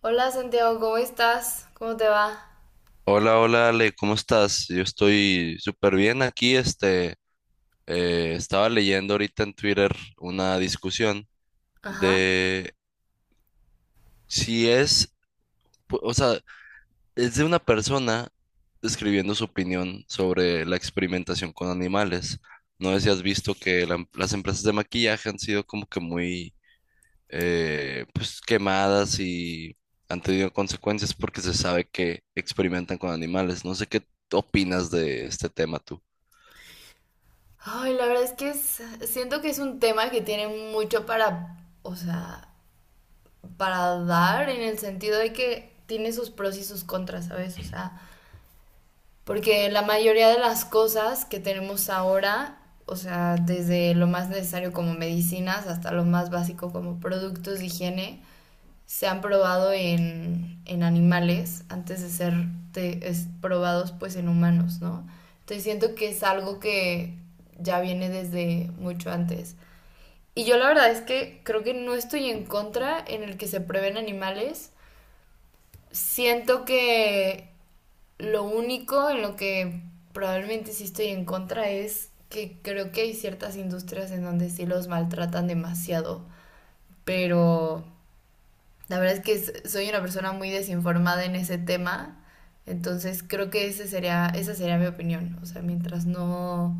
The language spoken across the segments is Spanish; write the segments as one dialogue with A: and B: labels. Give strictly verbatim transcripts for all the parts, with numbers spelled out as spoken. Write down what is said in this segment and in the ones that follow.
A: Hola Santiago, ¿cómo estás? ¿Cómo te va?
B: Hola, hola Ale, ¿cómo estás? Yo estoy súper bien aquí. Este, eh, estaba leyendo ahorita en Twitter una discusión
A: Ajá.
B: de si es, pu- o sea, es de una persona escribiendo su opinión sobre la experimentación con animales. No sé si has visto que la em- las empresas de maquillaje han sido como que muy, eh, pues, quemadas y han tenido consecuencias porque se sabe que experimentan con animales. No sé qué opinas de este tema tú.
A: Ay, la verdad es que es- siento que es un tema que tiene mucho para, o sea, para dar en el sentido de que tiene sus pros y sus contras, ¿sabes? O sea, porque la mayoría de las cosas que tenemos ahora, o sea, desde lo más necesario como medicinas hasta lo más básico como productos de higiene, se han probado en, en animales antes de ser te- es- probados pues en humanos, ¿no? Entonces siento que es algo que ya viene desde mucho antes. Y yo la verdad es que creo que no estoy en contra en el que se prueben animales. Siento que lo único en lo que probablemente sí estoy en contra es que creo que hay ciertas industrias en donde sí los maltratan demasiado, pero la verdad es que s- soy una persona muy desinformada en ese tema, entonces creo que ese sería, esa sería mi opinión. O sea, mientras no,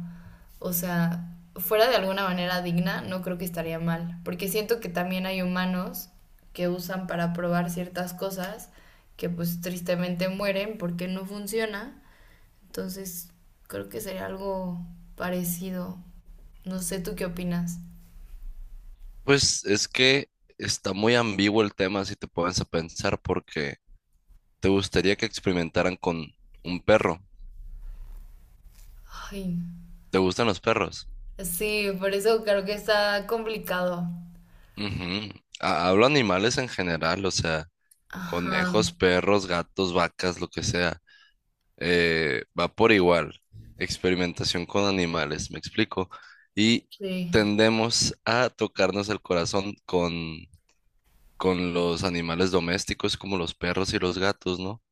A: o sea, fuera de alguna manera digna, no creo que estaría mal, porque siento que también hay humanos que usan para probar ciertas cosas que pues tristemente mueren porque no funciona. Entonces creo que sería algo parecido. No sé, ¿tú qué opinas?
B: Pues es que está muy ambiguo el tema si te pones a pensar porque te gustaría que experimentaran con un perro.
A: Ay,
B: ¿Te gustan los perros?
A: sí, por eso creo que está complicado.
B: Ujú. Ha- Hablo animales en general, o sea,
A: Ajá.
B: conejos, perros, gatos, vacas, lo que sea. Eh, va por igual. Experimentación con animales, me explico. Y
A: Sí,
B: tendemos a tocarnos el corazón con, con los animales domésticos como los perros y los gatos, ¿no?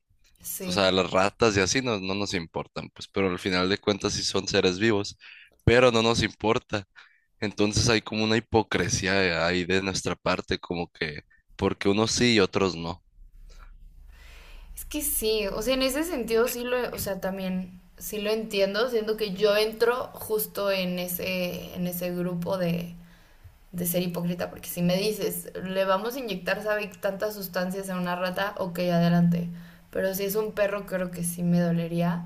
B: O
A: sí.
B: sea, las ratas y así no, no nos importan, pues, pero al final de cuentas sí son seres vivos, pero no nos importa. Entonces hay como una hipocresía ahí de nuestra parte, como que, porque unos sí y otros no.
A: Es que sí, o sea, en ese sentido sí lo, o sea, también sí lo entiendo. Siento que yo entro justo en ese, en ese grupo de, de ser hipócrita, porque si me dices, le vamos a inyectar, sabe, tantas sustancias a una rata, ok, adelante. Pero si es un perro, creo que sí me dolería.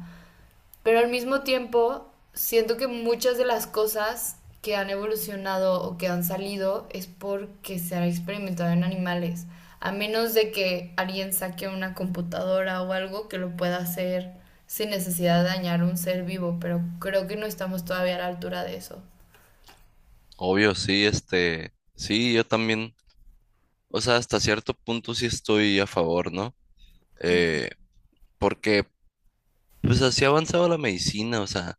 A: Pero al mismo tiempo, siento que muchas de las cosas que han evolucionado o que han salido es porque se ha experimentado en animales. A menos de que alguien saque una computadora o algo que lo pueda hacer sin necesidad de dañar un ser vivo, pero creo que no estamos todavía a la altura de eso.
B: Obvio, sí, este, sí, yo también, o sea, hasta cierto punto sí estoy a favor, ¿no? Eh, Porque, pues así ha avanzado la medicina, o sea,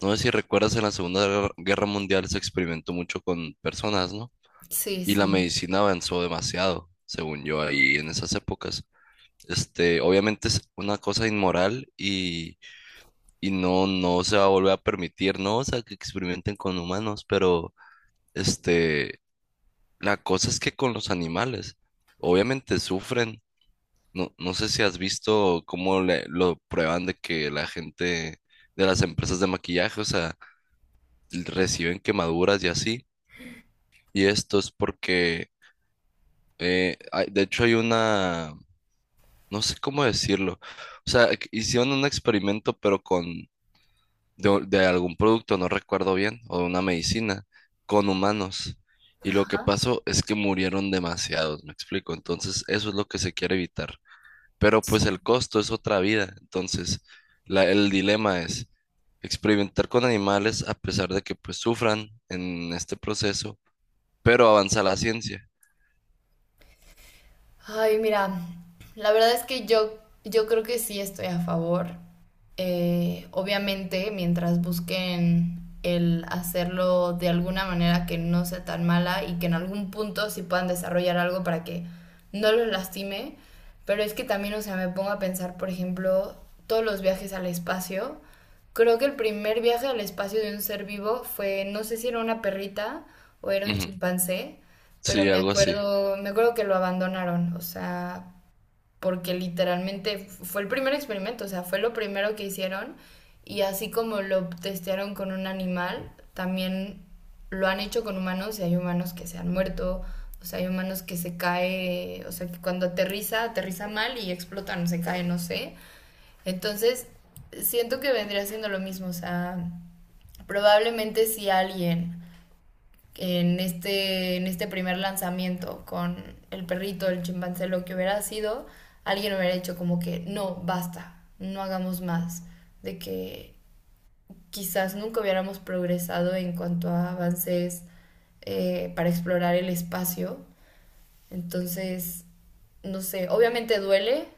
B: no sé si recuerdas en la Segunda Guerra Mundial se experimentó mucho con personas, ¿no?
A: Sí,
B: Y la
A: sí.
B: medicina avanzó demasiado, según yo, ahí en esas épocas. Este, obviamente es una cosa inmoral y, y no, no se va a volver a permitir, ¿no? O sea, que experimenten con humanos, pero este, la cosa es que con los animales, obviamente sufren. No, no sé si has visto cómo le- lo prueban de que la gente de las empresas de maquillaje, o sea, reciben quemaduras y así. Y esto es porque, eh, hay- de hecho, hay una no sé cómo decirlo. O sea, que hicieron un experimento, pero con, de, de algún producto, no recuerdo bien, o de una medicina, con humanos. Y lo que pasó es que murieron demasiados, me explico. Entonces, eso es lo que se quiere evitar. Pero pues
A: Sí.
B: el costo es otra vida. Entonces, la- el dilema es experimentar con animales a pesar de que pues sufran en este proceso, pero avanza la ciencia.
A: Ay, mira, la verdad es que yo, yo creo que sí estoy a favor. Eh, obviamente, mientras busquen el hacerlo de alguna manera que no sea tan mala y que en algún punto sí puedan desarrollar algo para que no los lastime. Pero es que también, o sea, me pongo a pensar, por ejemplo, todos los viajes al espacio. Creo que el primer viaje al espacio de un ser vivo fue, no sé si era una perrita o era un
B: Ujú,
A: chimpancé, pero
B: sí,
A: me
B: algo así.
A: acuerdo, me acuerdo que lo abandonaron, o sea, porque literalmente f- fue el primer experimento, o sea, fue lo primero que hicieron, y así como lo testearon con un animal, también lo han hecho con humanos y hay humanos que se han muerto, o sea, hay humanos que se cae, o sea, que cuando aterriza, aterriza mal y explotan, se cae, no sé. Entonces, siento que vendría siendo lo mismo, o sea, probablemente si alguien en este, en este primer lanzamiento con el perrito, el chimpancé, lo que hubiera sido, alguien hubiera dicho como que no, basta, no hagamos más, de que quizás nunca hubiéramos progresado en cuanto a avances eh, para explorar el espacio. Entonces, no sé, obviamente duele,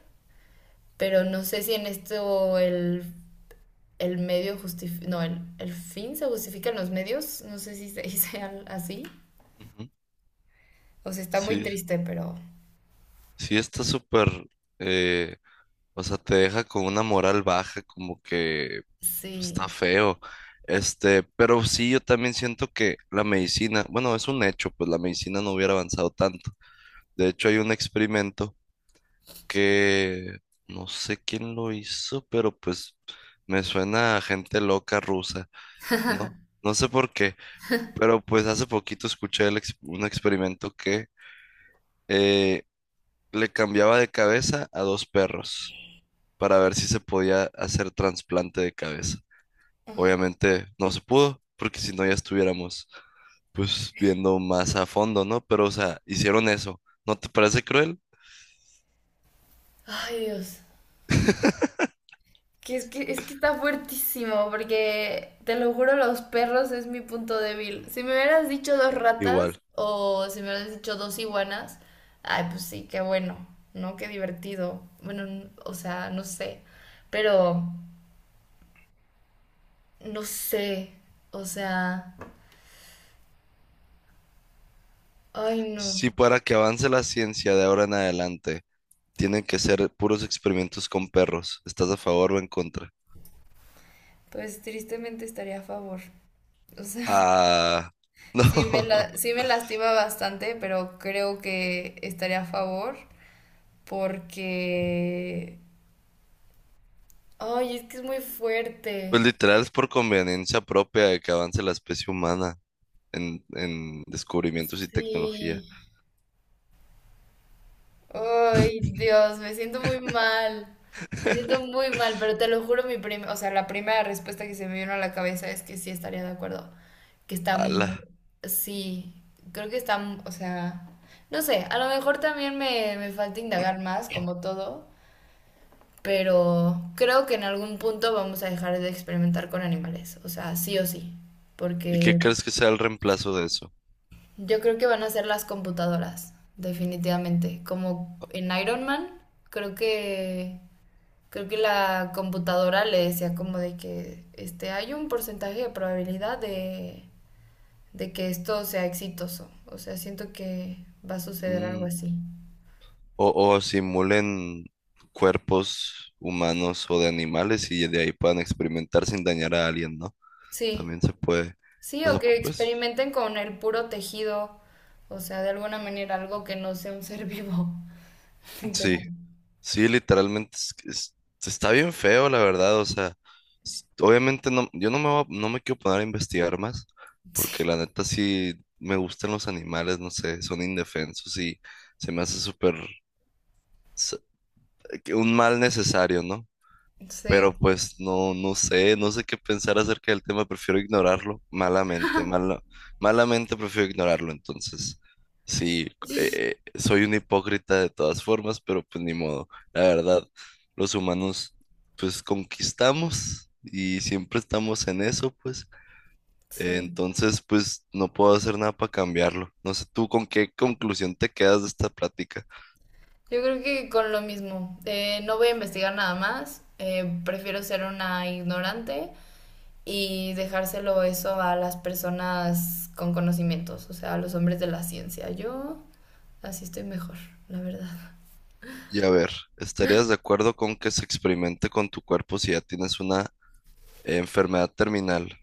A: pero no sé si en esto el, el medio justifica, no, el, el fin se justifica en los medios, no sé si se dice al- así.
B: Ujú,
A: O sea, está muy
B: sí,
A: triste, pero
B: sí está súper... eh, O sea, te deja con una moral baja, como que pues, está
A: sí.
B: feo. Este, pero sí, yo también siento que la medicina, bueno, es un hecho, pues la medicina no hubiera avanzado tanto. De hecho, hay un experimento que no sé quién lo hizo, pero pues me suena a gente loca rusa, ¿no? No sé por qué, pero pues hace poquito escuché el ex- un experimento que eh, le cambiaba de cabeza a dos perros. Para ver si se podía hacer trasplante de cabeza. Obviamente no se pudo, porque si no ya estuviéramos pues viendo más a fondo, ¿no? Pero, o sea, hicieron eso. ¿No te parece cruel?
A: Ay, Dios. Que es que, es que está fuertísimo, porque te lo juro, los perros es mi punto débil. Si me hubieras dicho dos ratas
B: Igual.
A: o si me hubieras dicho dos iguanas, ay, pues sí, qué bueno, ¿no? Qué divertido. Bueno, n- o sea, no sé. Pero, no sé. O sea, ay, no.
B: Si para que avance la ciencia de ahora en adelante, tienen que ser puros experimentos con perros, ¿estás a favor o en contra?
A: Pues tristemente estaría a favor. O sea,
B: Ah,
A: sí me
B: no.
A: la, sí me lastima bastante, pero creo que estaría a favor. Porque... Ay, es que es muy
B: Pues
A: fuerte.
B: literal es por conveniencia propia de que avance la especie humana en, en descubrimientos y
A: Sí.
B: tecnología.
A: Ay, Dios, me siento muy mal. Me siento muy mal, pero te lo juro, mi prim... o sea, la primera respuesta que se me vino a la cabeza es que sí estaría de acuerdo. Que está
B: Ala.
A: mu- Sí, creo que está, mu- o sea, no sé, a lo mejor también me, me falta indagar más, como todo, pero creo que en algún punto vamos a dejar de experimentar con animales, o sea, sí o sí,
B: ¿Y qué
A: porque...
B: crees que sea el reemplazo de eso?
A: Yo creo que van a ser las computadoras, definitivamente. Como en Iron Man, creo que creo que la computadora le decía como de que este hay un porcentaje de probabilidad de, de que esto sea exitoso. O sea, siento que va a suceder algo
B: Mm,
A: así.
B: O, o simulen cuerpos humanos o de animales y de ahí puedan experimentar sin dañar a alguien, ¿no?
A: Sí,
B: También se puede.
A: sí,
B: O
A: o
B: sea,
A: que
B: pues
A: experimenten con el puro tejido, o sea, de alguna manera algo que no sea un ser vivo.
B: sí,
A: Literal.
B: sí, literalmente es- es- está bien feo, la verdad. O sea, s- obviamente no, yo no me, voy a- no me quiero poner a investigar más, porque
A: Sí,
B: la neta sí me gustan los animales, no sé, son indefensos y se me hace súper s- que un mal necesario, ¿no?
A: sí,
B: Pero pues no, no sé, no sé qué pensar acerca del tema, prefiero ignorarlo malamente, mala- malamente prefiero ignorarlo, entonces sí, eh, eh, soy un hipócrita de todas formas, pero pues ni modo, la verdad, los humanos pues conquistamos y siempre estamos en eso, pues eh,
A: sí.
B: entonces pues no puedo hacer nada para cambiarlo, no sé tú con qué conclusión te quedas de esta plática.
A: Yo creo que con lo mismo. Eh, no voy a investigar nada más. Eh, prefiero ser una ignorante y dejárselo eso a las personas con conocimientos, o sea, a los hombres de la ciencia. Yo así estoy mejor, la verdad.
B: Y a ver, ¿estarías de acuerdo con que se experimente con tu cuerpo si ya tienes una enfermedad terminal?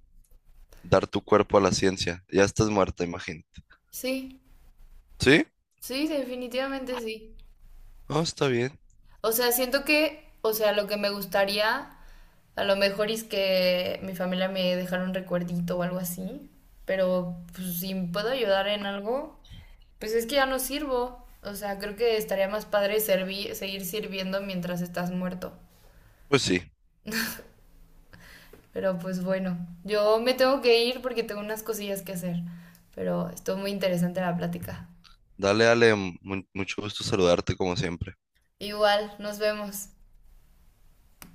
B: Dar tu cuerpo a la ciencia. Ya estás muerta, imagínate.
A: Sí,
B: ¿Sí?
A: sí, definitivamente sí.
B: Ah, está bien.
A: O sea, siento que, o sea, lo que me gustaría a lo mejor es que mi familia me dejara un recuerdito o algo así, pero pues, si puedo ayudar en algo, pues es que ya no sirvo. O sea, creo que estaría más padre servi- seguir sirviendo mientras estás muerto.
B: Pues sí.
A: Pero pues bueno, yo me tengo que ir porque tengo unas cosillas que hacer. Pero estuvo muy interesante la plática.
B: Dale, Ale, mu- mucho gusto saludarte como siempre.
A: Igual, nos vemos.